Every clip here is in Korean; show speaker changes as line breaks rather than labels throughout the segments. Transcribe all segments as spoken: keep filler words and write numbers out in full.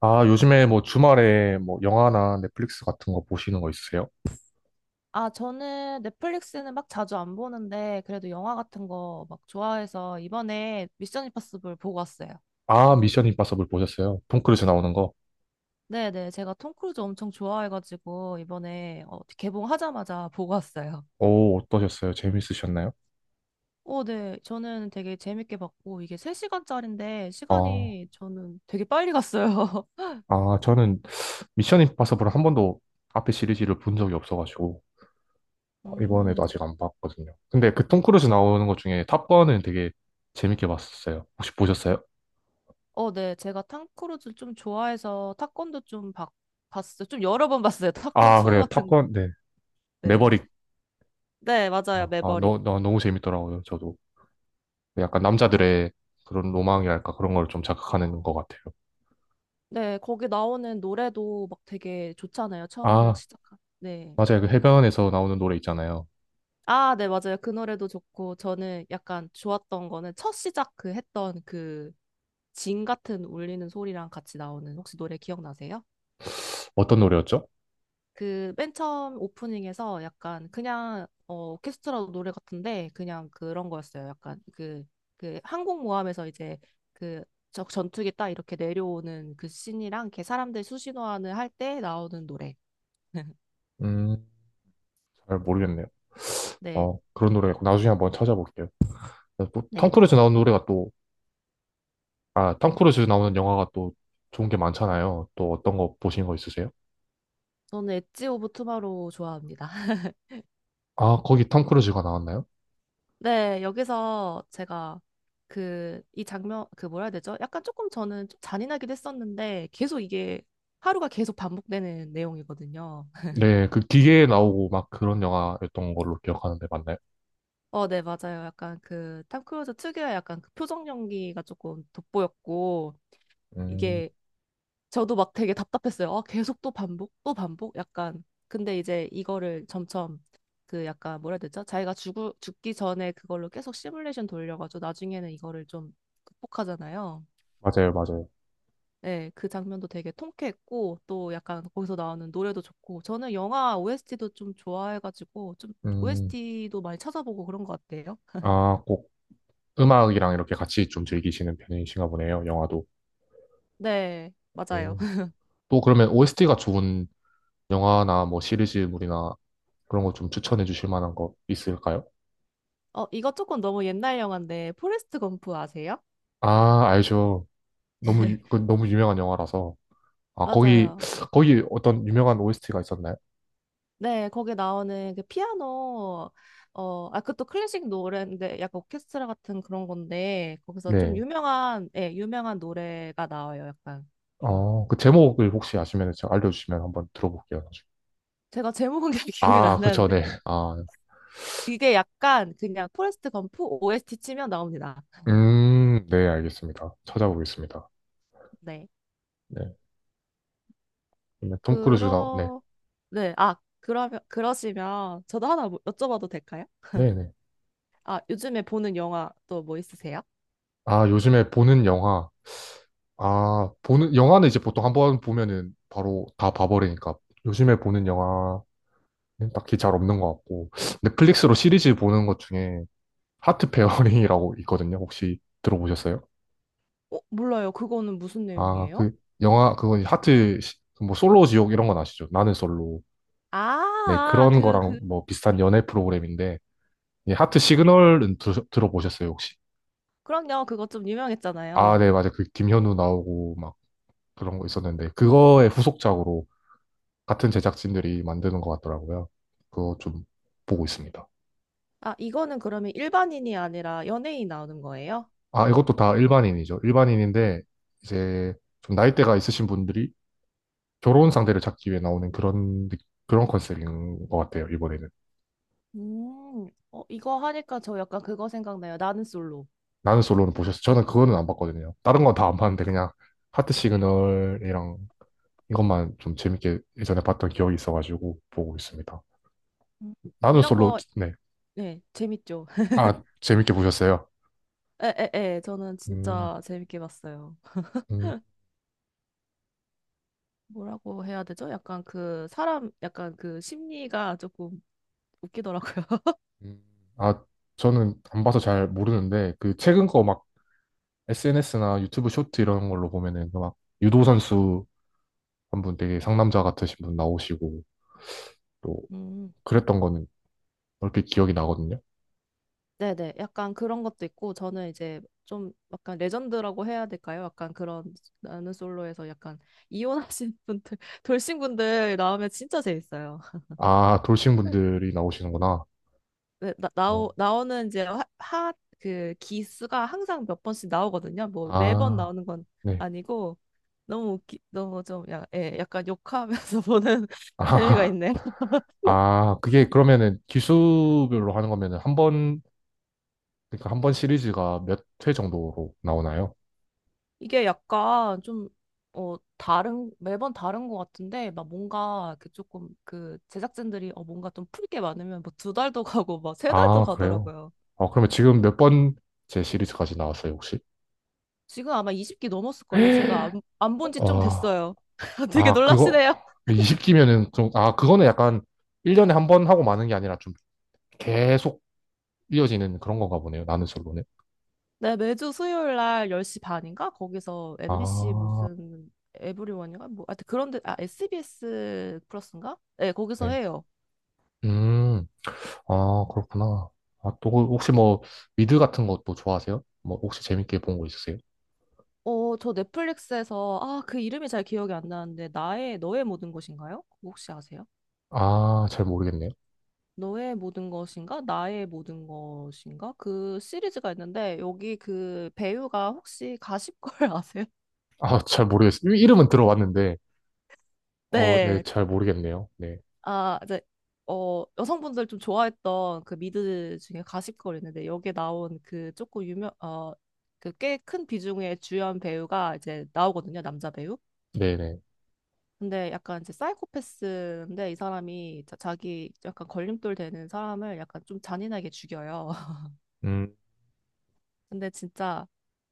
아, 요즘에 뭐 주말에 뭐 영화나 넷플릭스 같은 거 보시는 거 있으세요?
아, 저는 넷플릭스는 막 자주 안 보는데, 그래도 영화 같은 거 막 좋아해서 이번에 미션 임파서블 보고 왔어요.
아, 미션 임파서블 보셨어요? 톰 크루즈 나오는 거.
네네, 제가 톰 크루즈 엄청 좋아해가지고, 이번에 어, 개봉하자마자 보고 왔어요.
오, 어떠셨어요? 재밌으셨나요?
오, 네. 저는 되게 재밌게 봤고, 이게 세 시간짜리인데,
아,
시간이 저는 되게 빨리 갔어요.
아, 저는 미션 임파서블을 한 번도 앞에 시리즈를 본 적이 없어가지고 아, 이번에도
음.
아직 안 봤거든요. 근데 그 톰 크루즈 나오는 것 중에 탑건은 되게 재밌게 봤었어요. 혹시 보셨어요?
어, 네. 제가 톰 크루즈 좀 좋아해서 타건도 좀 봤, 봤어요. 좀 여러 번 봤어요. 타건
아,
2
그래요.
같은,
탑건, 네.
네.
매버릭.
네, 맞아요.
아, 아,
매버릭.
너, 너, 너무 재밌더라고요, 저도. 약간 남자들의 그런 로망이랄까 그런 걸 좀 자극하는 것 같아요.
네, 거기 나오는 노래도 막 되게 좋잖아요. 처음 막
아,
시작한. 네.
맞아요. 그 해변에서 나오는 노래 있잖아요.
아, 네, 맞아요. 그 노래도 좋고, 저는 약간 좋았던 거는 첫 시작 그 했던 그 징 같은 울리는 소리랑 같이 나오는 혹시 노래 기억나세요?
어떤 노래였죠?
그 맨 처음 오프닝에서 약간 그냥 어, 오케스트라 노래 같은데 그냥 그런 거였어요. 약간 그, 그 항공모함에서 이제 그 저 전투기 딱 이렇게 내려오는 그 씬이랑 이렇게 사람들 수신호하는 할 때 나오는 노래.
음, 잘 모르겠네요.
네.
어, 그런 노래였고 나중에 한번 찾아볼게요. 또톰
네.
크루즈 나오는 노래가 또, 아, 톰 크루즈 나오는 영화가 또 좋은 게 많잖아요. 또 어떤 거 보신 거 있으세요?
저는 엣지 오브 투마로우 좋아합니다.
아, 거기 톰 크루즈가 나왔나요?
네, 여기서 제가 그, 이 장면, 그 뭐라 해야 되죠? 약간 조금 저는 좀 잔인하기도 했었는데, 계속 이게 하루가 계속 반복되는 내용이거든요.
네, 그 기계에 나오고 막 그런 영화였던 걸로 기억하는데 맞나요?
어, 네, 맞아요. 약간 그, 탐 크루즈 특유의 약간 그 표정 연기가 조금 돋보였고,
음,
이게 저도 막 되게 답답했어요. 아, 계속 또 반복, 또 반복? 약간. 근데 이제 이거를 점점 그 약간 뭐라 해야 되죠? 자기가 죽을, 죽기 전에 그걸로 계속 시뮬레이션 돌려가지고 나중에는 이거를 좀 극복하잖아요.
맞아요, 맞아요.
네, 그 장면도 되게 통쾌했고 또 약간 거기서 나오는 노래도 좋고 저는 영화 오에스티도 좀 좋아해가지고 좀
음,
오에스티도 많이 찾아보고 그런 것 같아요.
아, 꼭 음악이랑 이렇게 같이 좀 즐기시는 편이신가 보네요, 영화도.
네, 맞아요.
음, 또 그러면 오에스티가 좋은 영화나 뭐 시리즈물이나 그런 거 좀 추천해 주실 만한 거 있을까요?
어, 이거 조금 너무 옛날 영화인데 포레스트 검프 아세요?
아, 알죠. 너무, 유- 그 너무 유명한 영화라서. 아, 거기,
맞아요.
거기 어떤 유명한 오에스티가 있었나요?
네, 거기 나오는 그 피아노, 어, 아, 그것도 클래식 노래인데 약간 오케스트라 같은 그런 건데 거기서 좀
네.
유명한, 예, 유명한 노래가 나와요, 약간. 음.
어, 그 제목을 혹시 아시면 제가 알려주시면 한번 들어볼게요. 나중에.
제가 제목은 잘 기억이
아,
안
그쵸,
나는데
네. 아,
이게 약간 그냥 포레스트 검프 오에스티 치면 나옵니다.
음, 네, 알겠습니다. 찾아보겠습니다.
네,
네. 그러면 톰 크루즈 나, 네.
그러, 네, 아, 그러면 그러시면 저도 하나 뭐- 여쭤봐도 될까요?
네네.
아, 요즘에 보는 영화 또 뭐 있으세요?
아, 요즘에 보는 영화. 아, 보는, 영화는 이제 보통 한번 보면은 바로 다 봐버리니까. 요즘에 보는 영화. 딱히 잘 없는 것 같고. 넷플릭스로 시리즈 보는 것 중에 하트 페어링이라고 있거든요. 혹시 들어보셨어요?
어, 몰라요. 그거는 무슨
아,
내용이에요?
그 영화 그건 이제 하트 시- 뭐 솔로 지옥 이런 건 아시죠? 나는 솔로. 네,
아,
그런
그,
거랑
그,
뭐 비슷한 연애 프로그램인데 이 하트 시그널은 들, 들어보셨어요, 혹시?
그럼요. 그거 좀
아,
유명했잖아요.
네, 맞아요. 그 김현우 나오고 막 그런 거 있었는데 그거의 후속작으로 같은 제작진들이 만드는 것 같더라고요. 그거 좀 보고 있습니다.
아, 이거는 그러면 일반인이 아니라 연예인 나오는 거예요?
아, 이것도 다 일반인이죠. 일반인인데, 이제 좀 나이대가 있으신 분들이 결혼 상대를 찾기 위해 나오는 그런, 느- 그런 컨셉인 것 같아요, 이번에는.
음, 어, 이거 하니까 저 약간 그거 생각나요. 나는 솔로.
나는 솔로는 보셨어요? 저는 그거는 안 봤거든요. 다른 건 다 안 봤는데, 그냥 하트 시그널이랑 이것만 좀 재밌게 예전에 봤던 기억이 있어가지고 보고 있습니다.
음,
나는
이런
솔로,
거,
네.
네, 재밌죠.
아, 재밌게 보셨어요?
에에에 저는
음,
진짜 재밌게 봤어요.
음,
뭐라고 해야 되죠? 약간 그 사람 약간 그 심리가 조금 웃기더라고요.
음. 아, 저는 안 봐서 잘 모르는데, 그 최근 거 막 에스엔에스나 유튜브 쇼트 이런 걸로 보면은 그막 유도 선수 한 분 되게 상남자 같으신 분 나오시고 또
음.
그랬던 거는 얼핏 기억이 나거든요.
네네. 약간 그런 것도 있고 저는 이제 좀 약간 레전드라고 해야 될까요? 약간 그런 나는 솔로에서 약간 이혼하신 분들 돌싱 분들 나오면 진짜 재밌어요.
아, 돌싱 분들이 나오시는구나.
네, 나,
어,
나오, 나오는 이제 하, 하, 그 기수가 항상 몇 번씩 나오거든요. 뭐 매번
아,
나오는 건
네.
아니고 너무 웃기, 너무 좀 야, 예, 약간 욕하면서 보는
아,
재미가 있네요.
아, 그게 그러면은 기수별로 하는 거면은 한 번, 그러니까 한 번 시리즈가 몇 회 정도로 나오나요?
이게 약간 좀 어, 다른 매번 다른 것 같은데 막 뭔가 그 조금 그 제작진들이 어 뭔가 좀 풀게 많으면 뭐 두 달도 가고 막 세 달도
아, 그래요?
가더라고요.
아, 그러면 지금 몇 번째 시리즈까지 나왔어요, 혹시?
지금 아마 이십 기 넘었을걸요. 제가 안, 안 본지 좀
아,
됐어요. 되게
아, 그거,
놀라시네요.
이십 기면은 좀, 아, 그거는 약간 일 년에 한 번 하고 마는 게 아니라 좀 계속 이어지는 그런 건가 보네요, 나는 솔로는.
네, 매주 수요일 날 열 시 반인가? 거기서 엠비씨
아,
무슨 에브리원인가? 뭐, 하여튼 그런데, 아, 에스비에스 플러스인가? 네, 거기서
네.
해요.
음, 아, 그렇구나. 아, 또, 그 혹시 뭐, 미드 같은 것도 좋아하세요? 뭐, 혹시 재밌게 본 거 있으세요?
어, 저 넷플릭스에서, 아, 그 이름이 잘 기억이 안 나는데, 나의, 너의 모든 것인가요? 그거 혹시 아세요?
아, 잘 모르겠네요.
너의 모든 것인가? 나의 모든 것인가? 그 시리즈가 있는데, 여기 그 배우가 혹시 가십걸 아세요?
아, 잘 모르겠어요. 이- 이름은 들어봤는데, 어, 네,
네,
잘 모르겠네요. 네.
아, 이제 어, 여성분들 좀 좋아했던 그 미드 중에 가십걸 있는데 여기에 나온 그 조금 유명 어, 그 꽤 큰 비중의 주연 배우가 이제 나오거든요, 남자 배우.
네네.
근데 약간 이제 사이코패스인데 이 사람이 자, 자기 약간 걸림돌 되는 사람을 약간 좀 잔인하게 죽여요.
음,
근데 진짜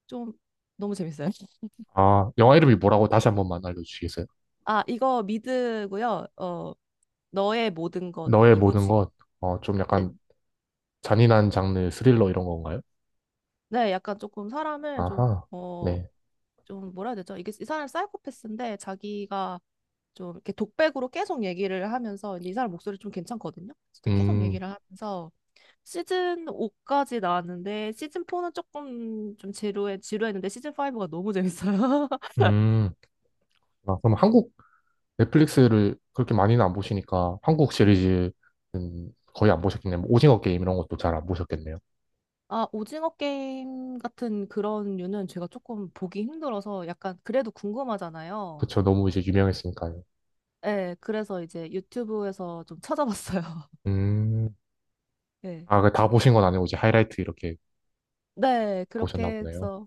좀 너무 재밌어요.
아, 영화 이름이 뭐라고 다시 한 번만 알려주시겠어요?
아, 이거 미드고요. 어, 너의 모든
너의
것이고
모든
지,
것, 어, 좀
네,
약간 잔인한 장르 스릴러 이런 건가요?
네, 약간 조금 사람을 좀
아하,
어
네.
좀 뭐라 해야 되죠? 이게 이 사람 사이코패스인데 자기가 좀 이렇게 독백으로 계속 얘기를 하면서 근데 이 사람 목소리 좀 괜찮거든요. 진짜 계속
음,
얘기를 하면서 시즌 오까지 나왔는데 시즌 사는 조금 좀 지루해 지루했는데 시즌 오가 너무 재밌어요.
음. 아, 그럼 한국 넷플릭스를 그렇게 많이는 안 보시니까 한국 시리즈 거의 안 보셨겠네요. 뭐 오징어 게임 이런 것도 잘 안 보셨겠네요.
아, 오징어 게임 같은 그런 류는 제가 조금 보기 힘들어서 약간 그래도 궁금하잖아요.
그쵸. 너무 이제 유명했으니까요.
네, 그래서 이제 유튜브에서 좀 찾아봤어요.
음.
네.
아, 그 다 보신 건 아니고 이제 하이라이트 이렇게
네, 그렇게
보셨나 보네요.
해서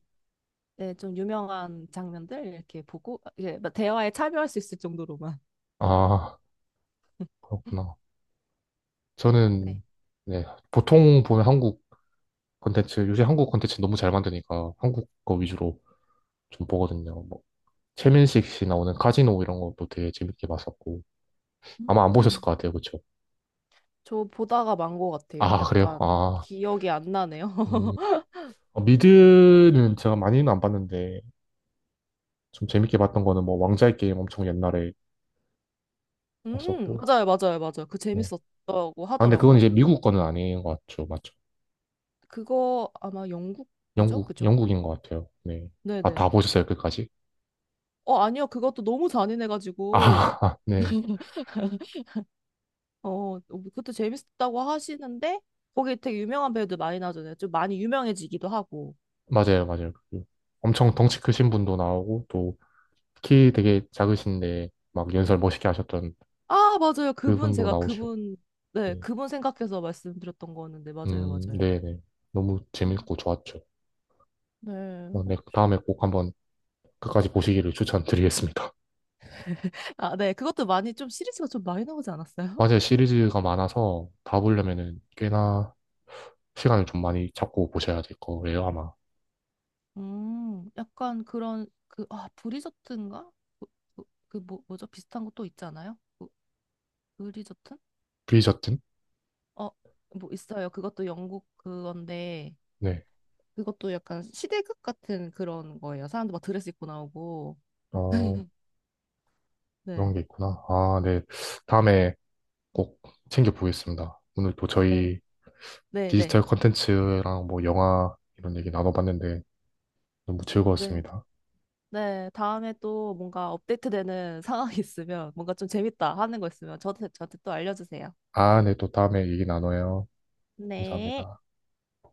네, 좀 유명한 장면들 이렇게 보고 이제 막 대화에 참여할 수 있을 정도로만.
아, 그렇구나.
네.
저는, 네, 보통 보는 한국 콘텐츠, 요새 한국 콘텐츠 너무 잘 만드니까 한국 거 위주로 좀 보거든요. 뭐, 최민식 씨 나오는 카지노 이런 것도 되게 재밌게 봤었고. 아마 안 보셨을
음,
것 같아요. 그쵸.
저 보다가 만 것 같아요.
아, 그래요?
약간
아,
기억이 안 나네요.
음. 어, 미드는 제가 많이는 안 봤는데, 좀 재밌게 봤던 거는 뭐, 왕자의 게임 엄청 옛날에
음,
봤었고,
맞아요, 맞아요, 맞아요. 그
네.
재밌었다고
아, 근데 그건
하더라고요.
이제
그-
미국 거는 아닌 것 같죠. 맞죠?
그거 아마 영국 거죠?
영국,
그죠?
영국인 것 같아요. 네. 아,
네네.
다 보셨어요, 끝까지?
어, 아니요. 그것도 너무 잔인해가지고.
아, 네.
어, 뭐 그것도 재밌었다고 하시는데, 거기 되게 유명한 배우들 많이 나오잖아요. 좀 많이 유명해지기도 하고.
맞아요, 맞아요. 그 엄청 덩치 크신 분도 나오고, 또, 키 되게 작으신데, 막 연설 멋있게 하셨던
아, 맞아요. 그분,
그분도
제가
나오시고,
그분, 네,
네.
그분 생각해서 말씀드렸던 거였는데, 맞아요,
음,
맞아요.
네네. 너무 재밌고 좋았죠.
네,
어, 네.
어, 좀,
다음에 꼭 한번 끝까지 보시기를 추천드리겠습니다.
아, 네, 그것도 많이 좀 시리즈가 좀 많이 나오지 않았어요?
맞아요. 시리즈가 많아서 다 보려면은 꽤나 시간을 좀 많이 잡고 보셔야 될 거예요, 아마.
음, 약간 그런, 그, 아, 브리저튼가? 그, 그, 그 뭐, 뭐죠? 비슷한 거 또 있잖아요? 그, 브리저튼?
브리저튼?
어, 뭐 있어요. 그것도 영국 그건데,
네.
그것도 약간 시대극 같은 그런 거예요. 사람들 막 드레스 입고 나오고,
어, 그런
네,
게 있구나. 아, 네. 다음에 꼭 챙겨보겠습니다. 오늘 또
네,
저희
네, 네.
디지털 콘텐츠랑 뭐 영화 이런 얘기 나눠봤는데 너무
네.
즐거웠습니다.
네, 다음에 또 뭔가 업데이트되는 상황이 있으면 뭔가 좀 재밌다 하는 거 있으면 저한테, 저한테 또 알려주세요.
아, 네. 또 다음에 얘기 나눠요.
네.
감사합니다.